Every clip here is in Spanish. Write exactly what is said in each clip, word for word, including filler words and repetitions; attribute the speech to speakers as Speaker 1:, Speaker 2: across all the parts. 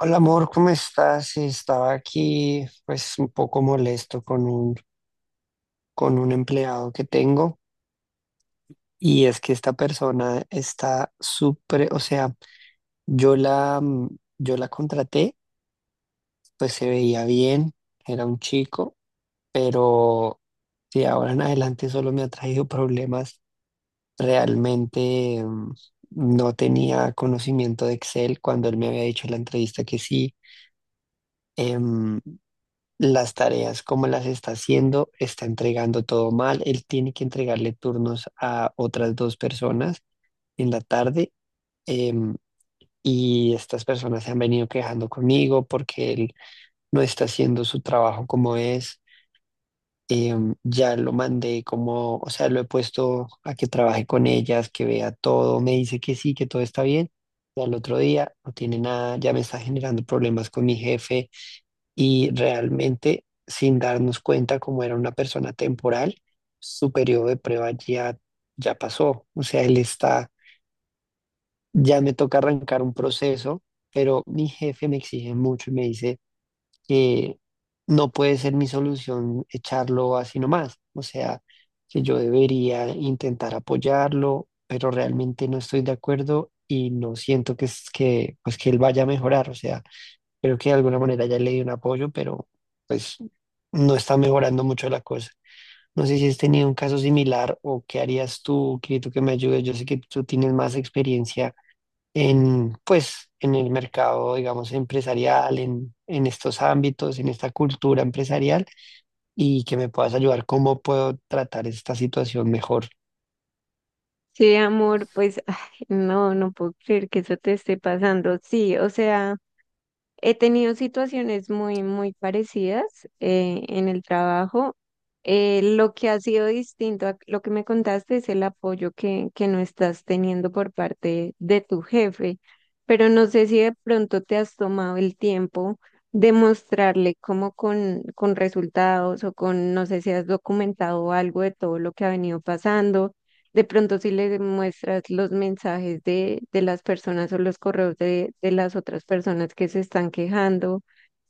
Speaker 1: Hola amor, ¿cómo estás? Estaba aquí, pues, un poco molesto con un, con un empleado que tengo. Y es que esta persona está súper, o sea, yo la, mm, yo la contraté. Pues se veía bien, era un chico, pero de ahora en adelante solo me ha traído problemas. Realmente, mm, no tenía conocimiento de Excel cuando él me había dicho en la entrevista que sí. em, las tareas, cómo las está haciendo, está entregando todo mal. Él tiene que entregarle turnos a otras dos personas en la tarde, em, y estas personas se han venido quejando conmigo porque él no está haciendo su trabajo como es. Em, ya lo mandé como, o sea, lo he puesto a que trabaje con ellas, que vea todo, me dice que sí, que todo está bien. Y al otro día no tiene nada, ya me está generando problemas con mi jefe. Y realmente, sin darnos cuenta, como era una persona temporal, su periodo de prueba ya, ya pasó. O sea, él está, ya me toca arrancar un proceso, pero mi jefe me exige mucho y me dice que no puede ser mi solución echarlo así nomás. O sea, que yo debería intentar apoyarlo, pero realmente no estoy de acuerdo y no siento que, es- que, pues, que él vaya a mejorar. O sea, creo que de alguna manera ya le di un apoyo, pero pues no está mejorando mucho la cosa. No sé si has tenido un caso similar o qué harías tú, Quirito, que me ayudes. Yo sé que tú tienes más experiencia en, pues, en el mercado, digamos, empresarial, en, en estos ámbitos, en esta cultura empresarial, y que me puedas ayudar cómo puedo tratar esta situación mejor.
Speaker 2: Sí, amor, pues ay, no, no puedo creer que eso te esté pasando. Sí, o sea, he tenido situaciones muy, muy parecidas eh, en el trabajo. Eh, lo que ha sido distinto a lo que me contaste es el apoyo que, que no estás teniendo por parte de tu jefe, pero no sé si de pronto te has tomado el tiempo de mostrarle cómo con, con resultados o con, no sé si has documentado algo de todo lo que ha venido pasando. De pronto si le muestras los mensajes de, de las personas o los correos de, de las otras personas que se están quejando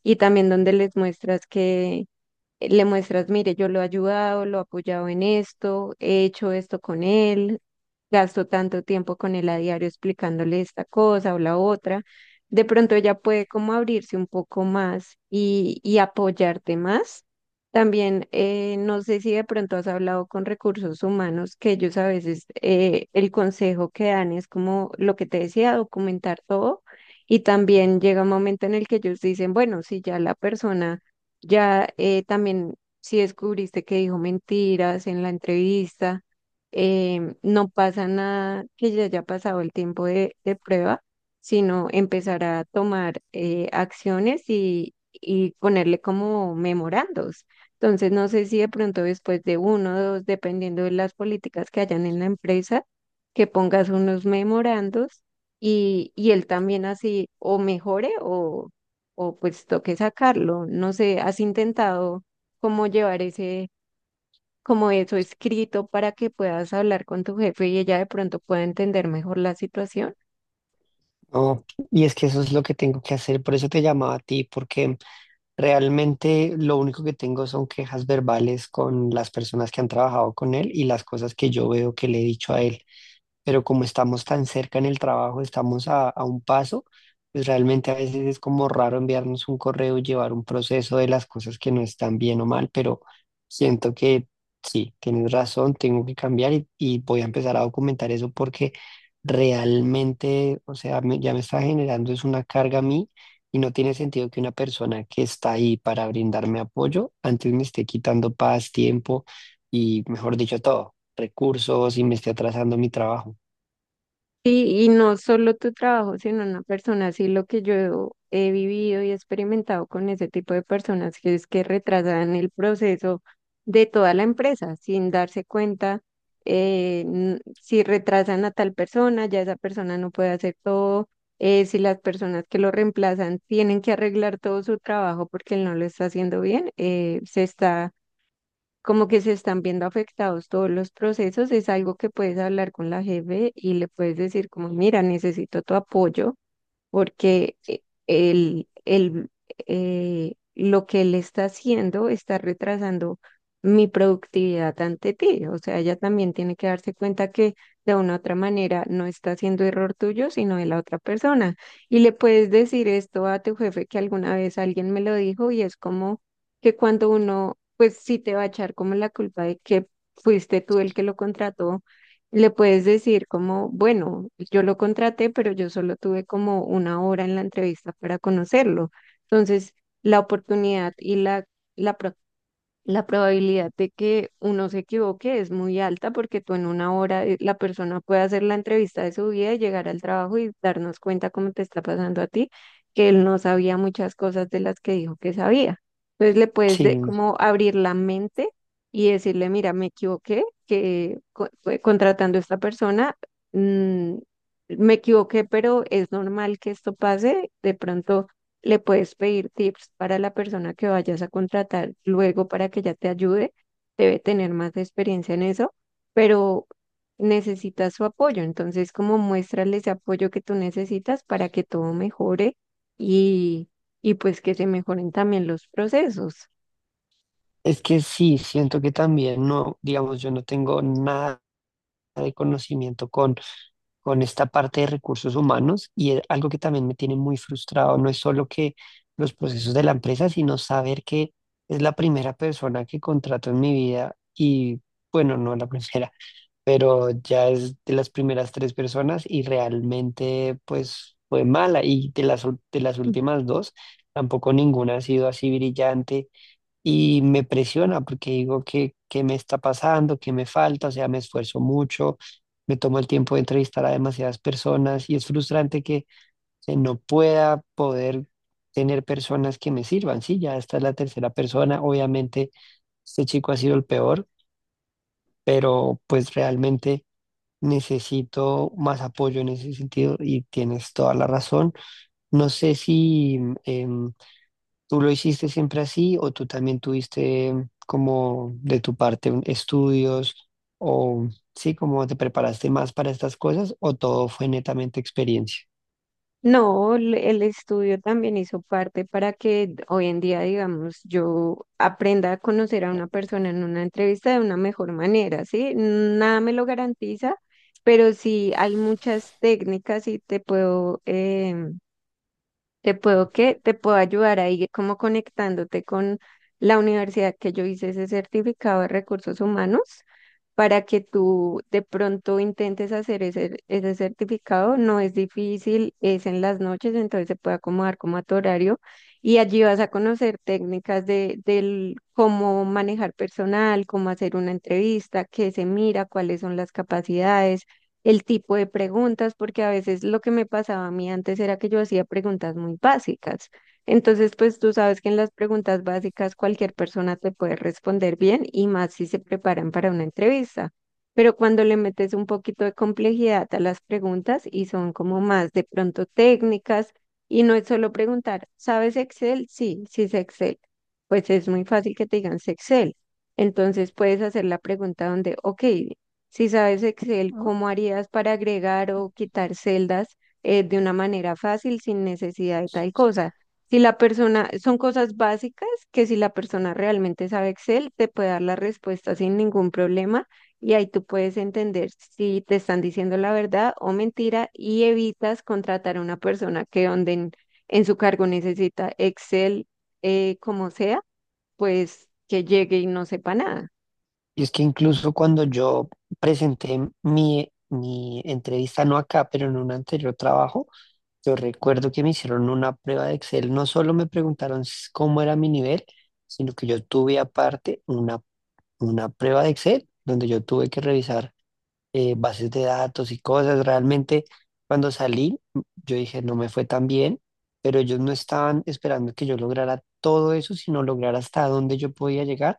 Speaker 2: y también donde les muestras que eh, le muestras, mire, yo lo he ayudado, lo he apoyado en esto, he hecho esto con él, gasto tanto tiempo con él a diario explicándole esta cosa o la otra. De pronto ella puede como abrirse un poco más y, y apoyarte más. También, eh, no sé si de pronto has hablado con recursos humanos, que ellos a veces eh, el consejo que dan es como lo que te decía, documentar todo. Y también llega un momento en el que ellos dicen, bueno, si ya la persona ya eh, también, si descubriste que dijo mentiras en la entrevista, em, no pasa nada que ya haya pasado el tiempo de, de prueba, sino empezar a tomar eh, acciones y, y ponerle como memorandos. Entonces, no sé si de pronto después de uno o dos, dependiendo de las políticas que hayan en la empresa, que pongas unos memorandos y, y él también así o mejore o pues toque sacarlo. No sé, ¿has intentado cómo llevar ese, como eso escrito para que puedas hablar con tu jefe y ella de pronto pueda entender mejor la situación?
Speaker 1: No, y es que eso es lo que tengo que hacer. Por eso te llamaba a ti, porque realmente lo único que tengo son quejas verbales con las personas que han trabajado con él y las cosas que yo veo que le he dicho a él. Pero como estamos tan cerca en el trabajo, estamos a, a un paso, pues realmente a veces es como raro enviarnos un correo y llevar un proceso de las cosas que no están bien o mal. Pero siento que sí, tienes razón, tengo que cambiar, y, y voy a empezar a documentar eso, porque realmente, o sea, me- ya me está generando es una carga a mí. Y no tiene sentido que una persona que está ahí para brindarme apoyo antes me esté quitando paz, tiempo y, mejor dicho, todo, recursos, y me esté atrasando mi trabajo.
Speaker 2: Sí, y no solo tu trabajo, sino una persona, sí, lo que yo he vivido y experimentado con ese tipo de personas, que es que retrasan el proceso de toda la empresa sin darse cuenta, eh, n- si retrasan a tal persona, ya esa persona no puede hacer todo, eh, si las personas que lo reemplazan tienen que arreglar todo su trabajo porque él no lo está haciendo bien, eh, se está como que se están viendo afectados todos los procesos, es algo que puedes hablar con la jefe y le puedes decir como, mira, necesito tu apoyo porque eh, el, el, eh, lo que él está haciendo está retrasando mi productividad ante ti. O sea, ella también tiene que darse cuenta que de una u otra manera no está haciendo error tuyo, sino de la otra persona. Y le puedes decir esto a tu jefe que alguna vez alguien me lo dijo y es como que cuando uno, pues sí te va a echar como la culpa de que fuiste tú el que lo contrató, le puedes decir como, bueno, yo lo contraté, pero yo solo tuve como una hora en la entrevista para conocerlo. Entonces, la oportunidad y la, la la probabilidad de que uno se equivoque es muy alta porque tú en una hora eh, la persona puede hacer la entrevista de su vida y llegar al trabajo y darnos cuenta cómo te está pasando a ti, que él no sabía muchas cosas de las que dijo que sabía. Entonces le puedes de,
Speaker 1: Sí,
Speaker 2: como abrir la mente y decirle, mira, me equivoqué, que co- fue contratando a esta persona, mm, me equivoqué, pero es normal que esto pase. De pronto le puedes pedir tips para la persona que vayas a contratar luego para que ya te ayude. Debe tener más experiencia en eso, pero necesitas su apoyo. Entonces, como muéstrale ese apoyo que tú necesitas para que todo mejore y, y pues que se mejoren también los procesos.
Speaker 1: es que sí, siento que también no, digamos, yo no tengo nada de conocimiento con, con esta parte de recursos humanos, y es algo que también me tiene muy frustrado. No es solo que los procesos de la empresa, sino saber que es la primera persona que contrato en mi vida. Y bueno, no la primera, pero ya es de las primeras tres personas, y realmente pues fue mala, y de las, ul- de las últimas dos, tampoco ninguna ha sido así brillante. Y me presiona, porque digo que, qué me está pasando, qué me falta. O sea, me esfuerzo mucho, me tomo el tiempo de entrevistar a demasiadas personas, y es frustrante que eh, no pueda poder tener personas que me sirvan. Sí, ya esta es la tercera persona. Obviamente este chico ha sido el peor, pero pues realmente... Necesito más apoyo en ese sentido, y tienes toda la razón. No sé si em, ¿tú lo hiciste siempre así o tú también tuviste, mm, como de tu parte, un- estudios, o sí, como te preparaste más para estas cosas, o todo fue netamente experiencia?
Speaker 2: No, el el estudio también hizo parte para que hoy en día, digamos, yo aprenda a conocer a una persona en una entrevista de una mejor manera, ¿sí? Nada me lo garantiza, pero sí hay muchas técnicas y te puedo, em, te puedo, ¿qué? Te puedo ayudar ahí como conectándote con la universidad que yo hice ese certificado de recursos humanos para que tú de pronto intentes hacer ese, ese certificado. No es difícil, es en las noches, entonces se puede acomodar como a tu horario y allí vas a conocer técnicas de, del cómo manejar personal, cómo hacer una entrevista, qué se mira, cuáles son las capacidades. El tipo de preguntas, porque a veces lo que me pasaba a mí antes era que yo hacía preguntas muy básicas. Entonces, pues tú sabes que en las preguntas básicas cualquier persona te puede responder bien y más si se preparan para una entrevista. Pero cuando le metes un poquito de complejidad a las preguntas y son como más de pronto técnicas y no es solo preguntar, ¿sabes Excel? Sí, sí sé Excel. Pues es muy fácil que te digan sé Excel. Entonces puedes hacer la pregunta donde, ok, si sabes Excel, ¿cómo harías para agregar o quitar celdas eh, de una manera fácil sin necesidad de tal cosa? Si la persona, son cosas básicas que si la persona realmente sabe Excel, te puede dar la respuesta sin ningún problema y ahí tú puedes entender si te están diciendo la verdad o mentira y evitas contratar a una persona que donde en, en su cargo necesita Excel, eh, como sea, pues que llegue y no sepa nada.
Speaker 1: Y es que incluso cuando yo presenté mi, mi entrevista, no acá, pero en un anterior trabajo, yo recuerdo que me hicieron una prueba de Excel. No solo me preguntaron s- cómo era mi nivel, sino que yo tuve aparte una, una prueba de Excel donde yo tuve que revisar eh, bases de datos y cosas. Realmente cuando salí, yo dije, no me fue tan bien, pero ellos no estaban esperando que yo lograra todo eso, sino lograr hasta dónde yo podía llegar.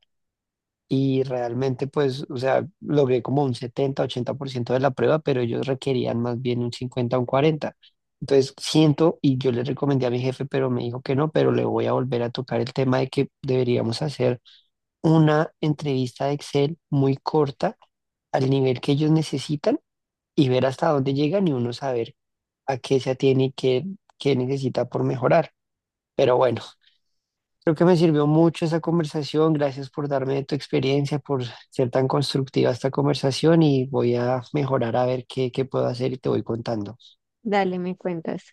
Speaker 1: Y realmente, pues, o sea, logré como un setenta, ochenta por ciento de la prueba, pero ellos requerían más bien un cincuenta, un cuarenta. Entonces, siento, y yo le recomendé a mi jefe, pero me dijo que no, pero le voy a volver a tocar el tema de que deberíamos hacer una entrevista de Excel muy corta, al nivel que ellos necesitan, y ver hasta dónde llegan, y uno saber a qué se atiene y qué, qué necesita por mejorar. Pero bueno, creo que me sirvió mucho esa conversación. Gracias por darme de tu experiencia, por ser tan constructiva esta conversación, y voy a mejorar, a ver qué, qué puedo hacer, y te voy contando.
Speaker 2: Dale, me cuentas.